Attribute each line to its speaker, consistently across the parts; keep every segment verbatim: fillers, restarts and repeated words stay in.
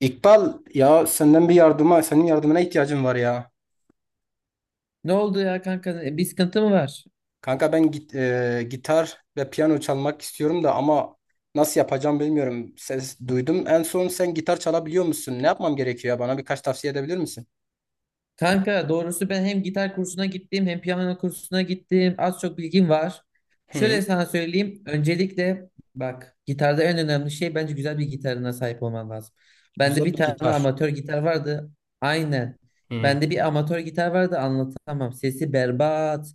Speaker 1: İkbal ya senden bir yardıma, senin yardımına ihtiyacım var ya.
Speaker 2: Ne oldu ya kanka? E, Bir sıkıntı mı var?
Speaker 1: Kanka ben git, e, gitar ve piyano çalmak istiyorum da ama nasıl yapacağım bilmiyorum. Ses duydum. En son sen gitar çalabiliyor musun? Ne yapmam gerekiyor ya? Bana birkaç tavsiye edebilir misin?
Speaker 2: Kanka doğrusu ben hem gitar kursuna gittim hem piyano kursuna gittim. Az çok bilgim var.
Speaker 1: Hı.
Speaker 2: Şöyle sana söyleyeyim. Öncelikle bak gitarda en önemli şey bence güzel bir gitarına sahip olman lazım. Bende
Speaker 1: Güzel
Speaker 2: bir
Speaker 1: bir
Speaker 2: tane
Speaker 1: gitar.
Speaker 2: amatör gitar vardı. Aynen.
Speaker 1: Hı,
Speaker 2: Bende bir amatör gitar vardı, anlatamam. Sesi berbat.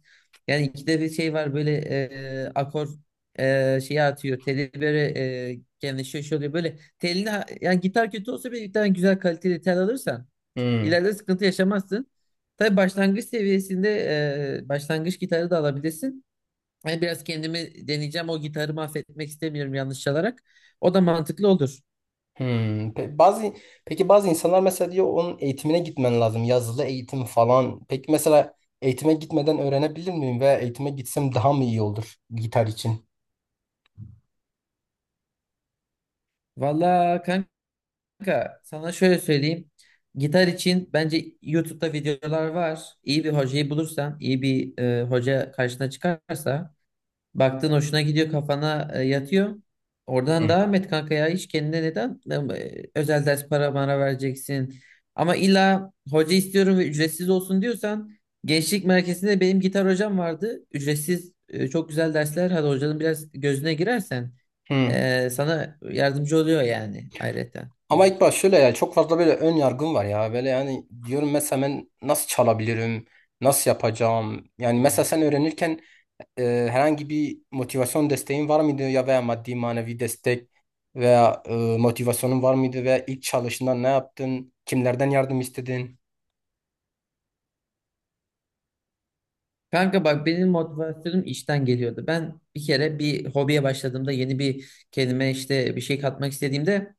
Speaker 2: Yani ikide bir şey var, böyle e, akor e, şeyi atıyor. Teli böyle e, genleşiyor, şey oluyor. Böyle telini, yani gitar kötü olsa bile bir tane güzel kaliteli tel alırsan
Speaker 1: hı,
Speaker 2: İleride sıkıntı yaşamazsın. Tabii başlangıç seviyesinde e, başlangıç gitarı da alabilirsin. Ben biraz kendimi deneyeceğim. O gitarı mahvetmek istemiyorum yanlış çalarak. O da mantıklı olur.
Speaker 1: hı. Pe- bazı Peki bazı insanlar mesela diyor onun eğitimine gitmen lazım. Yazılı eğitim falan. Peki mesela eğitime gitmeden öğrenebilir miyim ve eğitime gitsem daha mı iyi olur gitar için?
Speaker 2: Valla kanka, sana şöyle söyleyeyim. Gitar için bence YouTube'da videolar var. İyi bir hocayı bulursan, iyi bir e, hoca karşına çıkarsa, baktın hoşuna gidiyor, kafana e, yatıyor.
Speaker 1: Hı.
Speaker 2: Oradan devam et kanka, ya hiç kendine neden e, özel ders para bana vereceksin. Ama illa hoca istiyorum ve ücretsiz olsun diyorsan, gençlik merkezinde benim gitar hocam vardı. Ücretsiz, e, çok güzel dersler. Hadi hocanın biraz gözüne girersen
Speaker 1: Hı.
Speaker 2: e, sana yardımcı oluyor yani ayrıca.
Speaker 1: Ama ilk baş şöyle ya çok fazla böyle ön yargım var ya. Böyle yani diyorum mesela ben nasıl çalabilirim? Nasıl yapacağım? Yani mesela sen öğrenirken e, herhangi bir motivasyon desteğin var mıydı ya veya maddi manevi destek veya e, motivasyonun var mıydı veya ilk çalışında ne yaptın? Kimlerden yardım istedin?
Speaker 2: Kanka bak, benim motivasyonum işten geliyordu. Ben bir kere bir hobiye başladığımda, yeni bir kendime işte bir şey katmak istediğimde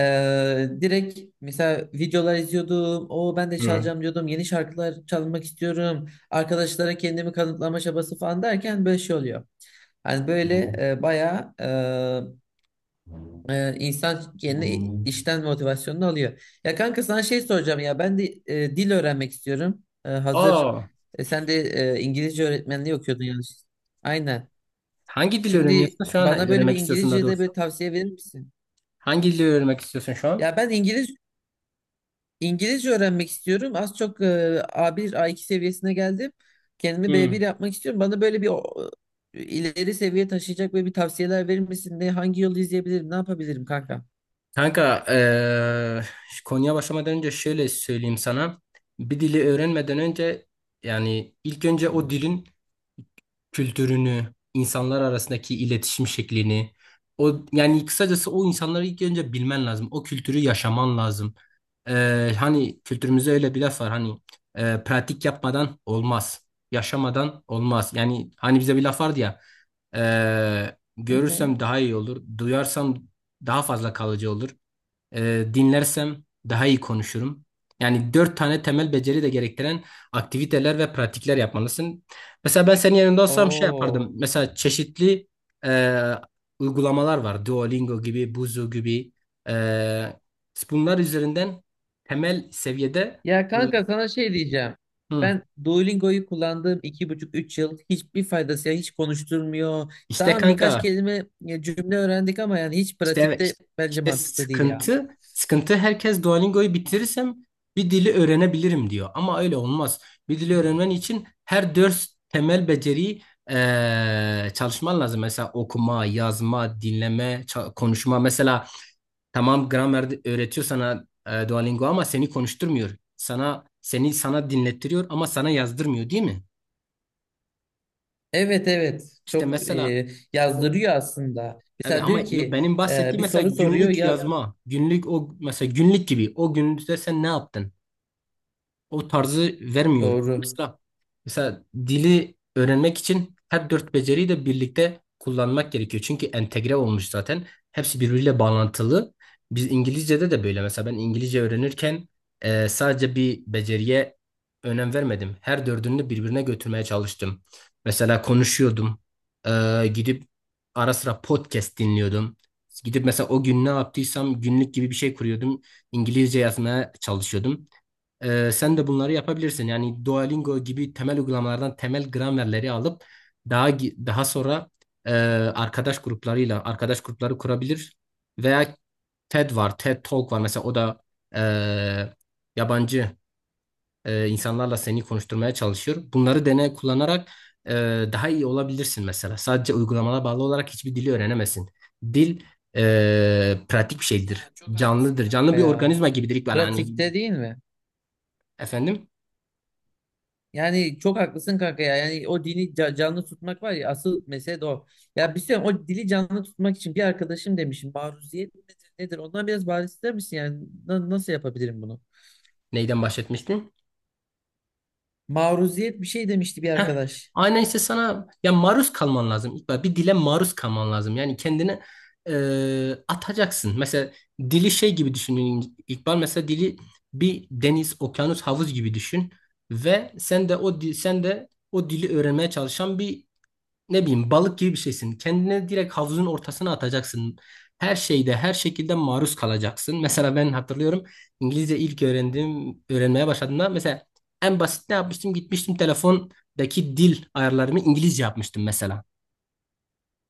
Speaker 2: Ee, direkt mesela videolar izliyordum. O ben de
Speaker 1: Hı.
Speaker 2: çalacağım diyordum. Yeni şarkılar çalmak istiyorum. Arkadaşlara kendimi kanıtlama çabası falan derken böyle şey oluyor. Hani böyle e, bayağı e, e, insan kendi işten motivasyonunu alıyor. Ya kanka, sana şey soracağım ya, ben de e, dil öğrenmek istiyorum. E, hazır
Speaker 1: Aa,
Speaker 2: e, sen de e, İngilizce öğretmenliği okuyordun yanlış. Aynen.
Speaker 1: hangi dili
Speaker 2: Şimdi
Speaker 1: öğreniyorsun şu an?
Speaker 2: bana böyle bir
Speaker 1: Öğrenmek istiyorsun daha
Speaker 2: İngilizce de
Speaker 1: doğrusu.
Speaker 2: böyle tavsiye verir misin?
Speaker 1: Hangi dili öğrenmek istiyorsun şu an?
Speaker 2: Ya ben İngilizce İngilizce öğrenmek istiyorum. Az çok e, A bir, A iki seviyesine geldim. Kendimi B bir
Speaker 1: Hı.
Speaker 2: yapmak istiyorum. Bana böyle bir o- e, ileri seviye taşıyacak böyle bir tavsiyeler verir misin? Ne, hangi yolu izleyebilirim? Ne yapabilirim kanka?
Speaker 1: Kanka, eee, konuya başlamadan önce şöyle söyleyeyim sana. Bir dili öğrenmeden önce yani ilk önce o dilin kültürünü, insanlar arasındaki iletişim şeklini, o yani kısacası o insanları ilk önce bilmen lazım. O kültürü yaşaman lazım. Eee, hani kültürümüzde öyle bir laf var hani eee, pratik yapmadan olmaz, yaşamadan olmaz. Yani hani bize bir laf vardı ya eee,
Speaker 2: Hı hı.
Speaker 1: görürsem daha iyi olur, duyarsam daha fazla kalıcı olur, e, dinlersem daha iyi konuşurum. Yani dört tane temel beceri de gerektiren aktiviteler ve pratikler yapmalısın. Mesela ben senin yanında olsam şey yapardım.
Speaker 2: Oo.
Speaker 1: Mesela çeşitli e, uygulamalar var. Duolingo gibi, Buzu gibi. E, Bunlar üzerinden temel seviyede
Speaker 2: Ya
Speaker 1: e,
Speaker 2: kanka, sana şey diyeceğim.
Speaker 1: hı.
Speaker 2: Ben Duolingo'yu kullandığım iki buçuk üç yıl hiçbir faydası, ya hiç konuşturmuyor.
Speaker 1: İşte
Speaker 2: Tamam, birkaç
Speaker 1: kanka,
Speaker 2: kelime ya cümle öğrendik ama yani hiç
Speaker 1: İşte evet
Speaker 2: pratikte
Speaker 1: işte,
Speaker 2: bence
Speaker 1: işte
Speaker 2: mantıklı değil ya.
Speaker 1: sıkıntı sıkıntı herkes Duolingo'yu bitirirsem bir dili öğrenebilirim diyor. Ama öyle olmaz. Bir dili öğrenmen için her dört temel beceriyi eee, çalışman lazım. Mesela okuma, yazma, dinleme, ça- konuşma. Mesela tamam gramer de- öğretiyor sana, eee, Duolingo ama seni konuşturmuyor. Sana seni sana dinlettiriyor ama sana yazdırmıyor değil mi?
Speaker 2: Evet, evet,
Speaker 1: İşte
Speaker 2: çok
Speaker 1: mesela
Speaker 2: e,
Speaker 1: o.
Speaker 2: yazdırıyor aslında.
Speaker 1: Evet
Speaker 2: Mesela
Speaker 1: ama
Speaker 2: diyor
Speaker 1: yo-
Speaker 2: ki
Speaker 1: benim
Speaker 2: e,
Speaker 1: bahsettiğim
Speaker 2: bir
Speaker 1: mesela
Speaker 2: soru soruyor
Speaker 1: günlük
Speaker 2: ya,
Speaker 1: yazma. Günlük o mesela günlük gibi. O günlükte sen ne yaptın? O tarzı vermiyor.
Speaker 2: doğru.
Speaker 1: Mesela, mesela dili öğrenmek için her dört beceriyi de birlikte kullanmak gerekiyor. Çünkü entegre olmuş zaten. Hepsi birbiriyle bağlantılı. Biz İngilizce'de de böyle. Mesela ben İngilizce öğrenirken e, sadece bir beceriye önem vermedim. Her dördünü birbirine götürmeye çalıştım. Mesela konuşuyordum. E, gidip ara sıra podcast dinliyordum. Gidip mesela o gün ne yaptıysam günlük gibi bir şey kuruyordum. İngilizce yazmaya çalışıyordum. Ee, sen de bunları yapabilirsin. Yani Duolingo gibi temel uygulamalardan temel gramerleri alıp daha gi- daha sonra e, arkadaş gruplarıyla arkadaş grupları kurabilir. Veya TED var, TED Talk var. Mesela o da e, yabancı e, insanlarla seni konuşturmaya çalışıyor. Bunları deney kullanarak e, daha iyi olabilirsin mesela. Sadece uygulamana bağlı olarak hiçbir dili öğrenemezsin. Dil e, pratik bir
Speaker 2: Ya
Speaker 1: şeydir.
Speaker 2: çok haklısın
Speaker 1: Canlıdır. Canlı
Speaker 2: kanka
Speaker 1: bir
Speaker 2: ya.
Speaker 1: organizma gibidir, İkbal. Hani
Speaker 2: Pratikte değil mi?
Speaker 1: efendim,
Speaker 2: Yani çok haklısın kanka ya. Yani o dili ca- canlı tutmak var ya, asıl mesele de o. Ya bir şey, o dili canlı tutmak için bir arkadaşım demişim, maruziyet nedir, nedir? Ondan biraz bahseder misin yani? Na- nasıl yapabilirim bunu?
Speaker 1: neyden bahsetmiştim?
Speaker 2: Maruziyet bir şey demişti bir
Speaker 1: Heh,
Speaker 2: arkadaş.
Speaker 1: aynen işte sana ya, maruz kalman lazım. İlk bir dile maruz kalman lazım. Yani kendini e, atacaksın. Mesela dili şey gibi düşünün, İkbal. Mesela dili bir deniz, okyanus, havuz gibi düşün ve sen de o di- sen de o dili öğrenmeye çalışan bir, ne bileyim, balık gibi bir şeysin. Kendine direkt havuzun ortasına atacaksın. Her şeyde, her şekilde maruz kalacaksın. Mesela ben hatırlıyorum, İngilizce ilk öğrendiğim, öğrenmeye başladığımda mesela en basit ne yapmıştım? Gitmiştim, telefondaki dil ayarlarımı İngilizce yapmıştım mesela.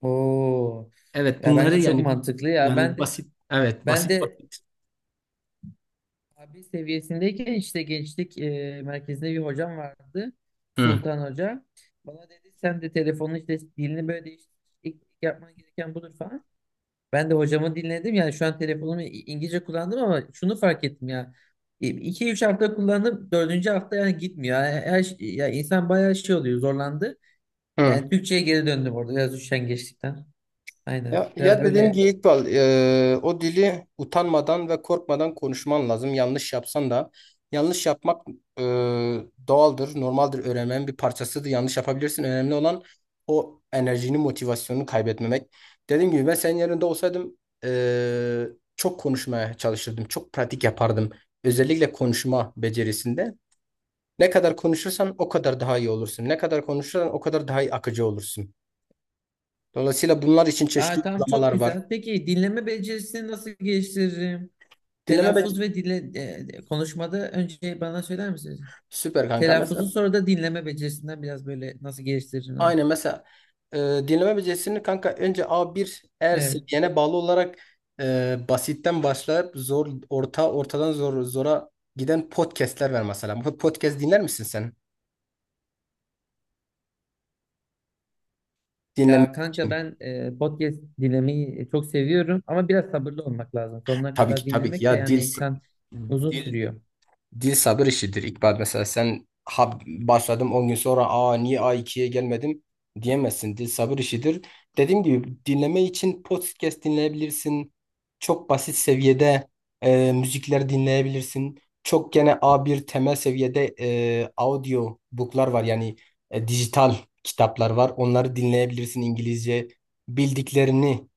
Speaker 2: Oo.
Speaker 1: Evet,
Speaker 2: Ya
Speaker 1: bunları
Speaker 2: bence çok
Speaker 1: yani
Speaker 2: mantıklı ya. Ben
Speaker 1: yani
Speaker 2: de
Speaker 1: basit, evet,
Speaker 2: ben
Speaker 1: basit
Speaker 2: de
Speaker 1: basit.
Speaker 2: abi seviyesindeyken işte gençlik e, merkezinde bir hocam vardı.
Speaker 1: Hı.
Speaker 2: Sultan Hoca. Bana dedi sen de telefonun işte dilini böyle değiştir. İlk ilk yapman gereken budur falan. Ben de hocamı dinledim. Yani şu an telefonumu İ- İngilizce kullandım ama şunu fark ettim ya. İki üç hafta kullandım. Dördüncü hafta yani gitmiyor. Yani her, şey- ya insan bayağı şey oluyor, zorlandı.
Speaker 1: Hı.
Speaker 2: Yani Türkçe'ye geri döndüm orada biraz üşengeçlikten. Aynen.
Speaker 1: Ya,
Speaker 2: Biraz
Speaker 1: ya dediğim
Speaker 2: böyle.
Speaker 1: gibi İkbal, e, o dili utanmadan ve korkmadan konuşman lazım. Yanlış yapsan da yanlış yapmak e, doğaldır, normaldir, öğrenmenin bir parçasıdır. Yanlış yapabilirsin. Önemli olan o enerjini, motivasyonunu kaybetmemek. Dediğim gibi ben senin yerinde olsaydım e, çok konuşmaya çalışırdım, çok pratik yapardım. Özellikle konuşma becerisinde. Ne kadar konuşursan o kadar daha iyi olursun. Ne kadar konuşursan o kadar daha iyi akıcı olursun. Dolayısıyla bunlar için çeşitli
Speaker 2: Aa, tamam,
Speaker 1: uygulamalar
Speaker 2: çok
Speaker 1: var.
Speaker 2: güzel. Peki dinleme becerisini nasıl geliştiririm?
Speaker 1: Dileme, be-
Speaker 2: Telaffuz ve dinle, e, e, konuşmada önce bana söyler misiniz?
Speaker 1: Süper kanka. Mesela
Speaker 2: Telaffuzu sonra da dinleme becerisinden biraz böyle nasıl geliştiririm?
Speaker 1: aynı mesela, e, dinleme becerisini kanka, önce A bir, eğer
Speaker 2: Evet.
Speaker 1: seviyene bağlı olarak, e, basitten başlayıp zor orta, ortadan zor, zora giden podcastler var mesela. Bu podcast dinler misin sen? Dinleme
Speaker 2: Ya kanka,
Speaker 1: için.
Speaker 2: ben e, podcast dinlemeyi e, çok seviyorum ama biraz sabırlı olmak lazım. Sonuna
Speaker 1: Tabii ki
Speaker 2: kadar
Speaker 1: tabii ki
Speaker 2: dinlemek de,
Speaker 1: ya, dil
Speaker 2: yani insan uzun
Speaker 1: dil
Speaker 2: sürüyor.
Speaker 1: Dil sabır işidir, İkbal. Mesela sen ha, başladım on gün sonra, aa niye a ikiye gelmedim diyemezsin. Dil sabır işidir. Dediğim gibi dinleme için podcast dinleyebilirsin. Çok basit seviyede e, müzikler dinleyebilirsin. Çok gene a bir temel seviyede e, audio book'lar var. Yani e, dijital kitaplar var. Onları dinleyebilirsin İngilizce. Bildiklerini,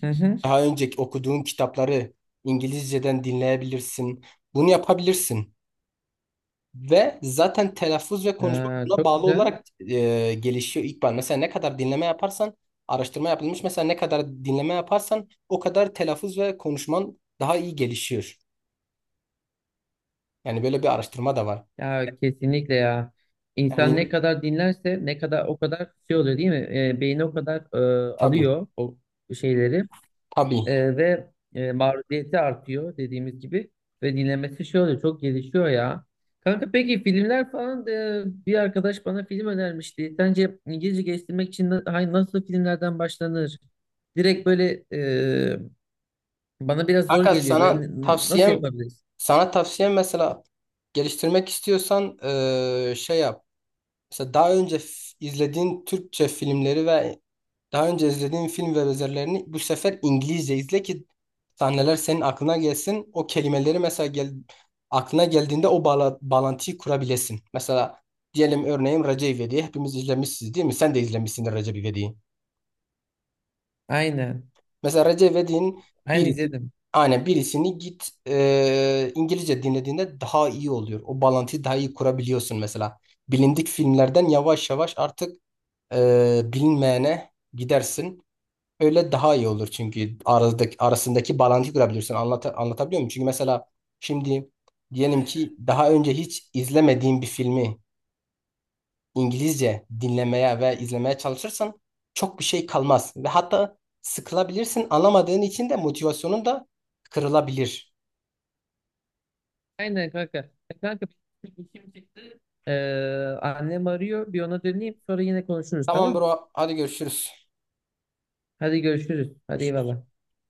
Speaker 2: Hı hı.
Speaker 1: daha önce okuduğun kitapları İngilizceden dinleyebilirsin. Bunu yapabilirsin. Ve zaten telaffuz ve konuşma
Speaker 2: Aa,
Speaker 1: buna
Speaker 2: çok
Speaker 1: bağlı
Speaker 2: güzel.
Speaker 1: olarak e, gelişiyor, İkbal. Mesela ne kadar dinleme yaparsan, araştırma yapılmış, mesela ne kadar dinleme yaparsan o kadar telaffuz ve konuşman daha iyi gelişiyor. Yani böyle bir araştırma da var.
Speaker 2: Ya kesinlikle ya. İnsan
Speaker 1: Yani
Speaker 2: ne kadar dinlerse, ne kadar o kadar şey oluyor değil mi? E, beyni o kadar e,
Speaker 1: tabii,
Speaker 2: alıyor o şeyleri.
Speaker 1: tabii.
Speaker 2: Ee, ve e, maruziyeti artıyor dediğimiz gibi ve dinlemesi şey oluyor, çok gelişiyor ya. Kanka peki filmler falan, e, bir arkadaş bana film önermişti. Sence İngilizce geliştirmek için na- hay- nasıl filmlerden başlanır? Direkt böyle e, bana biraz zor
Speaker 1: Fakat
Speaker 2: geliyor.
Speaker 1: sana
Speaker 2: Ben n- nasıl
Speaker 1: tavsiyem,
Speaker 2: yapabiliriz?
Speaker 1: sana tavsiyem mesela, geliştirmek istiyorsan e, şey yap. Mesela daha önce f- izlediğin Türkçe filmleri ve daha önce izlediğin film ve benzerlerini bu sefer İngilizce izle ki sahneler senin aklına gelsin. O kelimeleri mesela gel, aklına geldiğinde o bağla- bağlantıyı kurabilesin. Mesela diyelim, örneğin Recep İvedik'i hepimiz izlemişsiniz değil mi? Sen de izlemişsindir Recep İvedik'i.
Speaker 2: Aynen.
Speaker 1: Mesela Recep İvedik'in
Speaker 2: Aynen
Speaker 1: birisi,
Speaker 2: izledim.
Speaker 1: aynen birisini git e, İngilizce dinlediğinde daha iyi oluyor. O bağlantıyı daha iyi kurabiliyorsun mesela. Bilindik filmlerden yavaş yavaş artık e, bilinmeyene gidersin. Öyle daha iyi olur çünkü aradaki, arasındaki bağlantıyı kurabilirsin. Anlata, anlatabiliyor muyum? Çünkü mesela şimdi, diyelim
Speaker 2: Aynen.
Speaker 1: ki, daha önce hiç izlemediğin bir filmi İngilizce dinlemeye ve izlemeye çalışırsan çok bir şey kalmaz. Ve hatta sıkılabilirsin. Anlamadığın için de motivasyonun da kırılabilir.
Speaker 2: Aynen kanka. E, Kanka, benim işim çıktı. Ee, annem arıyor. Bir ona döneyim, sonra yine konuşuruz,
Speaker 1: Tamam
Speaker 2: tamam.
Speaker 1: bro, hadi görüşürüz.
Speaker 2: Hadi görüşürüz. Hadi
Speaker 1: Görüşürüz.
Speaker 2: eyvallah.